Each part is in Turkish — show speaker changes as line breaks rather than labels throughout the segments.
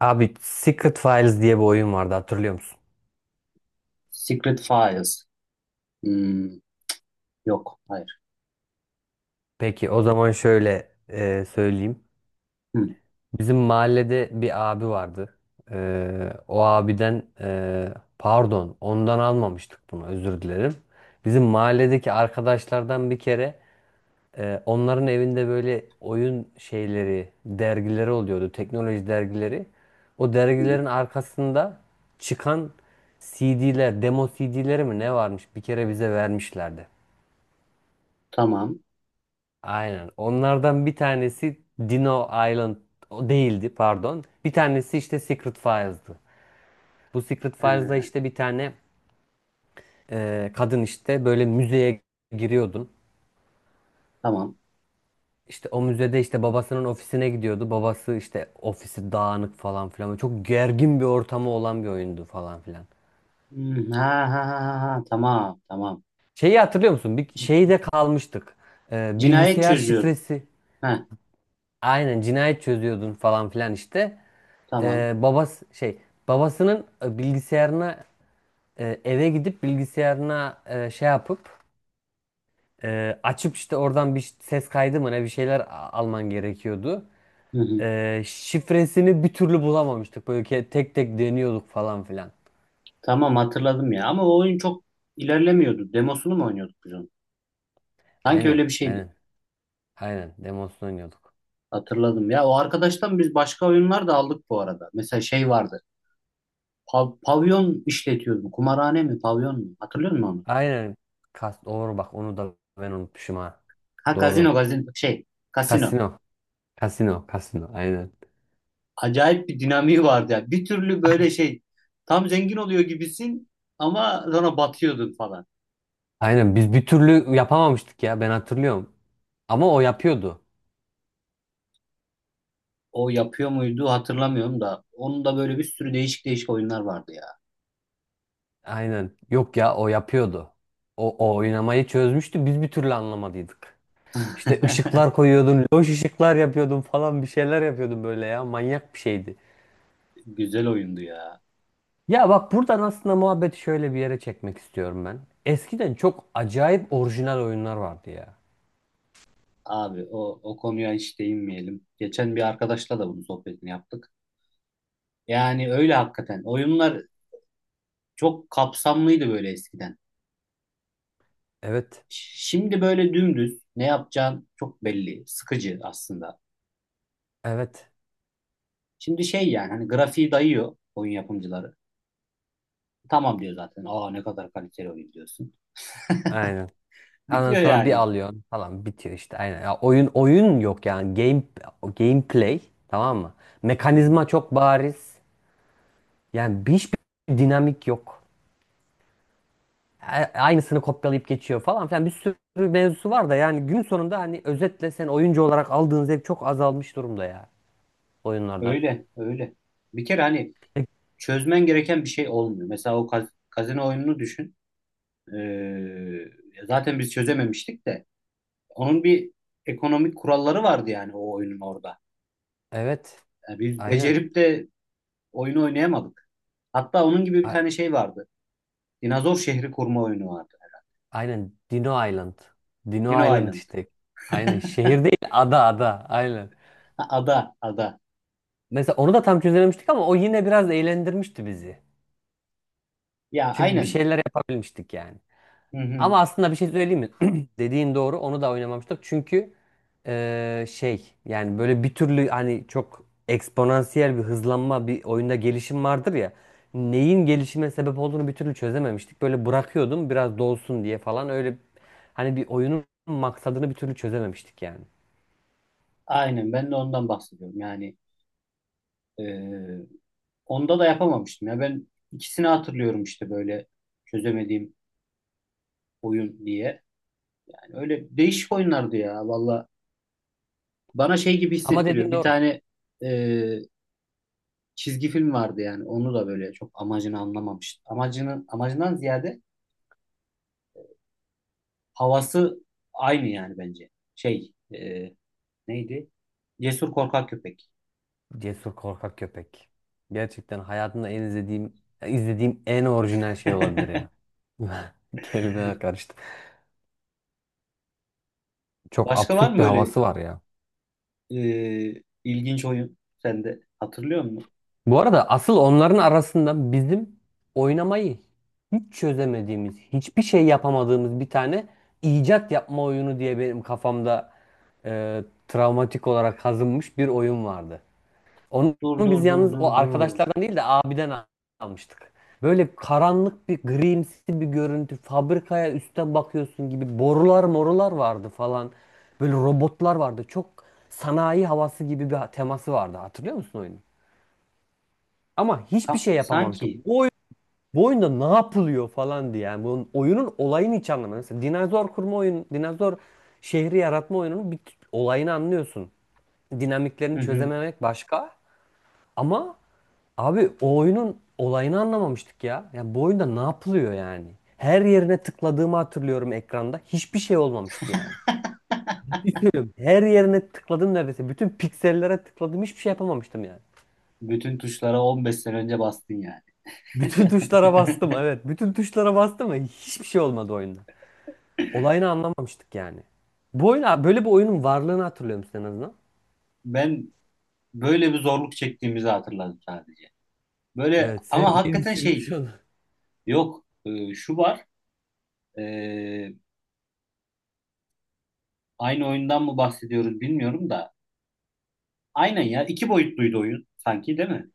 Abi Secret Files diye bir oyun vardı hatırlıyor musun?
Secret Files. Hmm, yok, hayır.
Peki o zaman şöyle söyleyeyim.
Hmm,
Bizim mahallede bir abi vardı. E, O abiden pardon, ondan almamıştık bunu, özür dilerim. Bizim mahalledeki arkadaşlardan bir kere onların evinde böyle oyun şeyleri, dergileri oluyordu. Teknoloji dergileri. O
hmm,
dergilerin arkasında çıkan CD'ler, demo CD'leri mi ne varmış, bir kere bize vermişlerdi.
tamam.
Aynen. Onlardan bir tanesi Dino Island, o değildi, pardon. Bir tanesi işte Secret Files'dı. Bu Secret Files'da
Ee,
işte bir tane kadın işte böyle müzeye giriyordun.
tamam.
İşte o müzede işte babasının ofisine gidiyordu. Babası işte, ofisi dağınık falan filan. Böyle çok gergin bir ortamı olan bir oyundu falan filan.
Hmm, ha, ha, ha, ha, ha, tamam, tamam.
Şeyi hatırlıyor musun? Bir
C-
şeyde kalmıştık.
cinayet
Bilgisayar
çözüyordu.
şifresi.
Ha,
Aynen, cinayet çözüyordun falan filan işte.
tamam.
E, babası şey Babasının bilgisayarına, eve gidip bilgisayarına şey yapıp açıp işte oradan bir ses kaydı mı ne bir şeyler alman gerekiyordu.
Hı hı.
Şifresini bir türlü bulamamıştık. Böyle tek tek deniyorduk falan filan.
Tamam, hatırladım ya. Ama o oyun çok ilerlemiyordu. Demosunu mu oynuyorduk biz onun? Sanki
Aynen,
öyle bir şeydi.
aynen, aynen. Demosunu oynuyorduk.
Hatırladım ya. O arkadaştan biz başka oyunlar da aldık bu arada. Mesela şey vardı. Pavyon işletiyordu. Kumarhane mi, pavyon mu? Hatırlıyor musun onu?
Aynen. Kas, doğru, bak onu da ben unutmuşum ha.
Ha, gazino,
Doğru.
gazino. Şey, kasino.
Kasino, kasino, kasino. Aynen.
Acayip bir dinamiği vardı ya. Bir türlü böyle şey tam zengin oluyor gibisin, ama sonra batıyordun falan.
Aynen, biz bir türlü yapamamıştık ya, ben hatırlıyorum. Ama o yapıyordu.
O yapıyor muydu, hatırlamıyorum da onun da böyle bir sürü değişik değişik oyunlar vardı ya.
Aynen. Yok ya, o yapıyordu. O oynamayı çözmüştü. Biz bir türlü anlamadıydık. İşte ışıklar koyuyordun, loş ışıklar yapıyordun falan, bir şeyler yapıyordun böyle ya. Manyak bir şeydi.
Güzel oyundu ya.
Ya bak, buradan aslında muhabbeti şöyle bir yere çekmek istiyorum ben. Eskiden çok acayip orijinal oyunlar vardı ya.
Abi o konuya hiç değinmeyelim. Geçen bir arkadaşla da bunun sohbetini yaptık. Yani öyle hakikaten. Oyunlar çok kapsamlıydı böyle eskiden.
Evet.
Şimdi böyle dümdüz ne yapacağın çok belli. Sıkıcı aslında.
Evet.
Şimdi şey yani hani grafiği dayıyor oyun yapımcıları. Tamam diyor zaten. Aa, ne kadar kaliteli oyun diyorsun.
Aynen. Ondan
Bitiyor
sonra bir
yani.
alıyorsun falan, bitiyor işte, aynen. Ya oyun oyun yok, yani game gameplay, tamam mı?
Hı hı.
Mekanizma çok bariz. Yani hiçbir dinamik yok. a- Aynısını kopyalayıp geçiyor falan filan, bir sürü mevzusu var da, yani gün sonunda hani özetle sen oyuncu olarak aldığın zevk çok azalmış durumda ya, oyunlardan.
Öyle öyle. Bir kere hani
E,
çözmen gereken bir şey olmuyor. Mesela o kazino oyununu düşün. Ee, Zaten biz çözememiştik de. Onun bir ekonomik kuralları vardı yani, o oyunun orada.
Evet,
Yani biz
aynen.
becerip de oyunu oynayamadık. Hatta onun gibi bir
A-
tane şey vardı. Dinozor şehri kurma oyunu vardı.
aynen Dino Island.
Dino
Dino Island
Island.
işte. Aynen, şehir değil ada, ada, aynen.
Ha, ada, ada.
Mesela onu da tam çözememiştik ama o yine biraz eğlendirmişti bizi.
Ya
Çünkü bir
aynen.
şeyler yapabilmiştik yani.
Hı hı.
Ama aslında bir şey söyleyeyim mi? Dediğin doğru. Onu da oynamamıştık. Çünkü şey, yani böyle bir türlü hani çok eksponansiyel bir hızlanma, bir oyunda gelişim vardır ya. Neyin gelişime sebep olduğunu bir türlü çözememiştik. Böyle bırakıyordum biraz dolsun diye falan, öyle hani bir oyunun maksadını bir türlü çözememiştik yani.
Aynen, ben de ondan bahsediyorum. Yani ee, onda da yapamamıştım. Ya ben ikisini hatırlıyorum işte böyle çözemediğim oyun diye. Yani öyle değişik oyunlardı ya valla. Bana şey gibi
Ama
hissettiriyor.
dediğin
Bir
doğru.
tane e, çizgi film vardı yani. Onu da böyle çok amacını anlamamıştım. Amacını, amacından ziyade havası aynı yani bence. Şey, neydi? Cesur Korkak Köpek.
Cesur korkak köpek. Gerçekten hayatımda en izlediğim en orijinal şey olabilir ya. Kelimeler karıştı. Çok
Başka var
absürt
mı
bir
böyle
havası var ya.
ilginç oyun, sen de hatırlıyor musun?
Bu arada asıl onların arasında bizim oynamayı hiç çözemediğimiz, hiçbir şey yapamadığımız bir tane icat yapma oyunu diye benim kafamda travmatik olarak kazınmış bir oyun vardı. Onu
Dur dur
biz
dur
yalnız
dur
o
dur.
arkadaşlardan değil de abiden almıştık. Böyle karanlık bir grimsi bir görüntü, fabrikaya üstten bakıyorsun gibi, borular morular vardı falan. Böyle robotlar vardı. Çok sanayi havası gibi bir teması vardı. Hatırlıyor musun oyunu? Ama hiçbir
Sa-
şey
sanki.
yapamamıştım. Bu oyunda ne yapılıyor falan diye. Yani bunun oyunun olayını hiç anlamadım. Mesela dinozor kurma oyun, dinozor şehri yaratma oyununun bir olayını anlıyorsun. Dinamiklerini
Hı hı.
çözememek başka. Ama abi o oyunun olayını anlamamıştık ya. Yani bu oyunda ne yapılıyor yani? Her yerine tıkladığımı hatırlıyorum ekranda. Hiçbir şey olmamıştı yani. Hiç söylüyorum. Her yerine tıkladım neredeyse. Bütün piksellere tıkladım. Hiçbir şey yapamamıştım yani.
Bütün tuşlara 15 sene önce bastın yani.
Bütün tuşlara bastım, evet. Bütün tuşlara bastım ve hiçbir şey olmadı oyunda. Olayını anlamamıştık yani. Bu oyun, böyle bir oyunun varlığını hatırlıyor musun en azından?
Ben böyle bir zorluk çektiğimizi hatırladım sadece. Böyle
Evet, sen
ama
beni
hakikaten şey,
silmiş onu.
yok. Şu var. ee, Aynı oyundan mı bahsediyoruz bilmiyorum da. Aynen ya. İki boyutluydu oyun sanki, değil mi?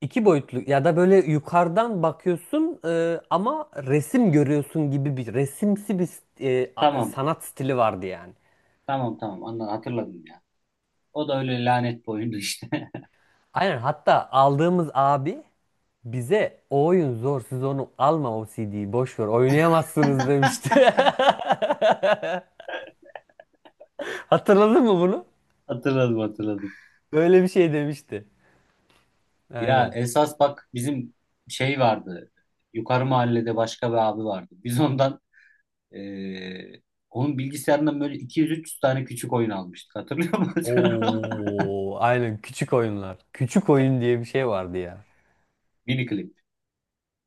İki boyutlu ya da böyle yukarıdan bakıyorsun ama resim görüyorsun gibi, bir resimsi bir
Tamam.
sanat stili vardı yani.
Tamam tamam. Anladım, hatırladım ya. O da öyle lanet bir oyundu işte.
Aynen, hatta aldığımız abi bize o oyun zor, siz onu alma, o CD'yi boş ver, oynayamazsınız demişti. Hatırladın mı bunu?
Hatırladım hatırladım.
Öyle bir şey demişti.
Ya
Aynen.
esas bak, bizim şey vardı. Yukarı mahallede başka bir abi vardı. Biz ondan, Ee, onun bilgisayarından böyle 200-300 tane küçük oyun almıştık. Hatırlıyor musun?
Oo, aynen, küçük oyunlar. Küçük oyun diye bir şey vardı ya.
Mini klip.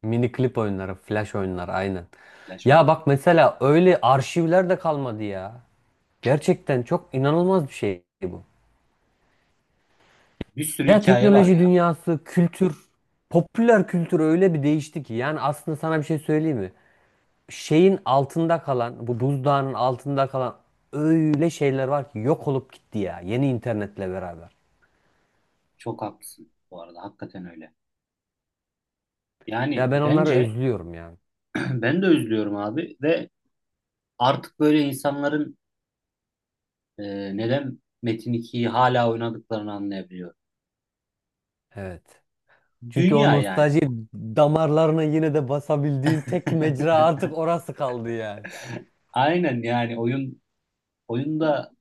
Mini klip oyunları, flash oyunlar, aynen.
Flash
Ya
oyunu.
bak, mesela öyle arşivler de kalmadı ya. Gerçekten çok inanılmaz bir şey bu.
Bir sürü
Ya
hikaye var
teknoloji
ya.
dünyası, kültür, popüler kültür öyle bir değişti ki. Yani aslında sana bir şey söyleyeyim mi? Şeyin altında kalan, bu buzdağının altında kalan öyle şeyler var ki, yok olup gitti ya yeni internetle beraber.
Çok haklısın bu arada. Hakikaten öyle. Yani
Ya ben onları
bence
özlüyorum ya.
ben de üzülüyorum abi ve artık böyle insanların neden Metin 2'yi hala oynadıklarını anlayabiliyorum.
Evet. Çünkü o
Dünya yani.
nostalji damarlarına yine de basabildiğin tek mecra artık orası kaldı yani.
Aynen yani oyun oyunda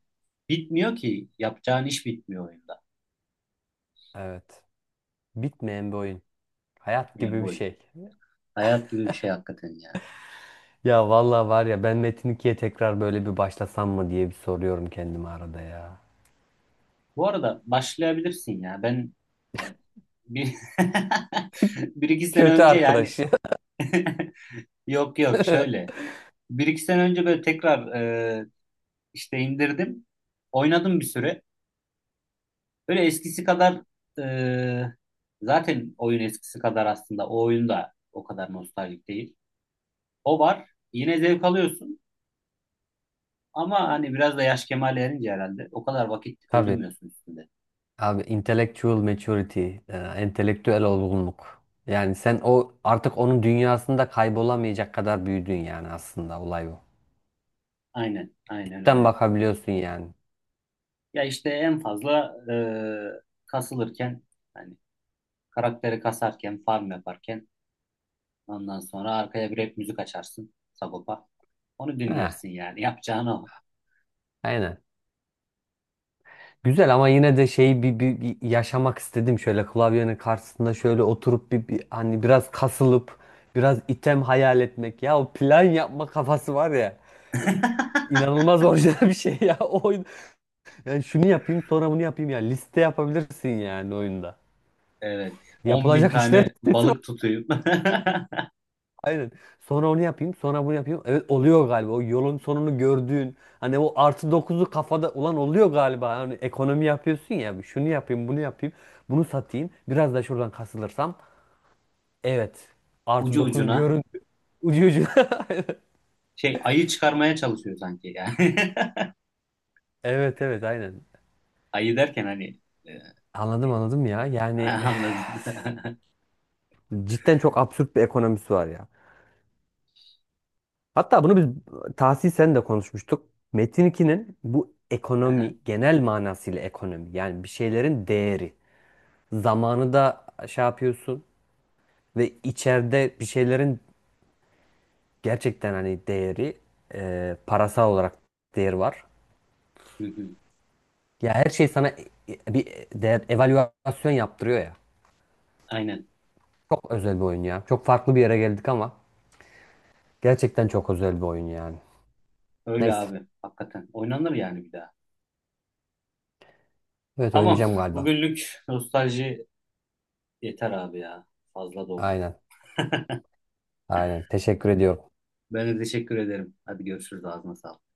bitmiyor ki. Yapacağın iş bitmiyor oyunda.
Evet. Bitmeyen bir oyun. Hayat
Yani
gibi
bu
bir
oyun.
şey.
Hayat gibi bir şey hakikaten ya.
Ya vallahi var ya, ben Metin 2'ye tekrar böyle bir başlasam mı diye bir soruyorum kendime arada ya.
Bu arada başlayabilirsin ya. Ben bir, bir iki sene
Kötü
önce yani
arkadaş ya.
yok yok, şöyle. Bir iki sene önce böyle tekrar e, işte indirdim. Oynadım bir süre. Böyle eskisi kadar e, zaten oyun eskisi kadar aslında o oyun da o kadar nostaljik değil. O var. Yine zevk alıyorsun. Ama hani biraz da yaş kemale erince herhalde o kadar vakit
Tabii.
öldürmüyorsun üstünde.
Abi intellectual maturity, entelektüel olgunluk. Yani sen o artık onun dünyasında kaybolamayacak kadar büyüdün, yani aslında olay bu.
Aynen, aynen
Cidden
öyle.
bakabiliyorsun yani.
Ya işte en fazla kasılırken hani karakteri kasarken farm yaparken ondan sonra arkaya bir rap müzik açarsın, Sagopa. Onu
Heh.
dinlersin yani yapacağın o.
Aynen. Güzel, ama yine de şeyi bir yaşamak istedim, şöyle klavyenin karşısında şöyle oturup bir hani biraz kasılıp biraz item hayal etmek ya, o plan yapma kafası var ya, inanılmaz orijinal bir şey ya o oyun, yani şunu yapayım sonra bunu yapayım ya, liste yapabilirsin yani oyunda,
Evet. 10 bin
yapılacak işler
tane
listesi.
balık tutuyup
Aynen. Sonra onu yapayım, sonra bunu yapayım. Evet, oluyor galiba. O yolun sonunu gördüğün hani o artı dokuzu kafada, ulan oluyor galiba. Hani ekonomi yapıyorsun ya. Şunu yapayım, bunu yapayım. Bunu satayım. Biraz da şuradan kasılırsam. Evet. Artı
ucu
dokuz
ucuna
görün. Ucu ucuna.
şey, ayı çıkarmaya çalışıyor sanki yani.
Evet, evet, aynen.
Ayı derken hani e,
Anladım, anladım ya. Yani
anladın.
cidden çok absürt bir ekonomisi var ya. Hatta bunu biz Tahsin sen de konuşmuştuk. Metin 2'nin bu ekonomi, genel manasıyla ekonomi, yani bir şeylerin değeri. Zamanı da şey yapıyorsun ve içeride bir şeylerin gerçekten hani değeri, parasal olarak değeri var.
Hı hı.
Ya her şey sana bir değer evaluasyon yaptırıyor ya.
Aynen.
Çok özel bir oyun ya. Çok farklı bir yere geldik ama gerçekten çok özel bir oyun yani.
Öyle
Neyse.
abi. Hakikaten. Oynanır yani bir daha.
Evet,
Tamam.
oynayacağım galiba.
Bugünlük nostalji yeter abi ya. Fazla doldu.
Aynen. Aynen. Teşekkür ediyorum.
Ben de teşekkür ederim. Hadi görüşürüz. Ağzına sağlık.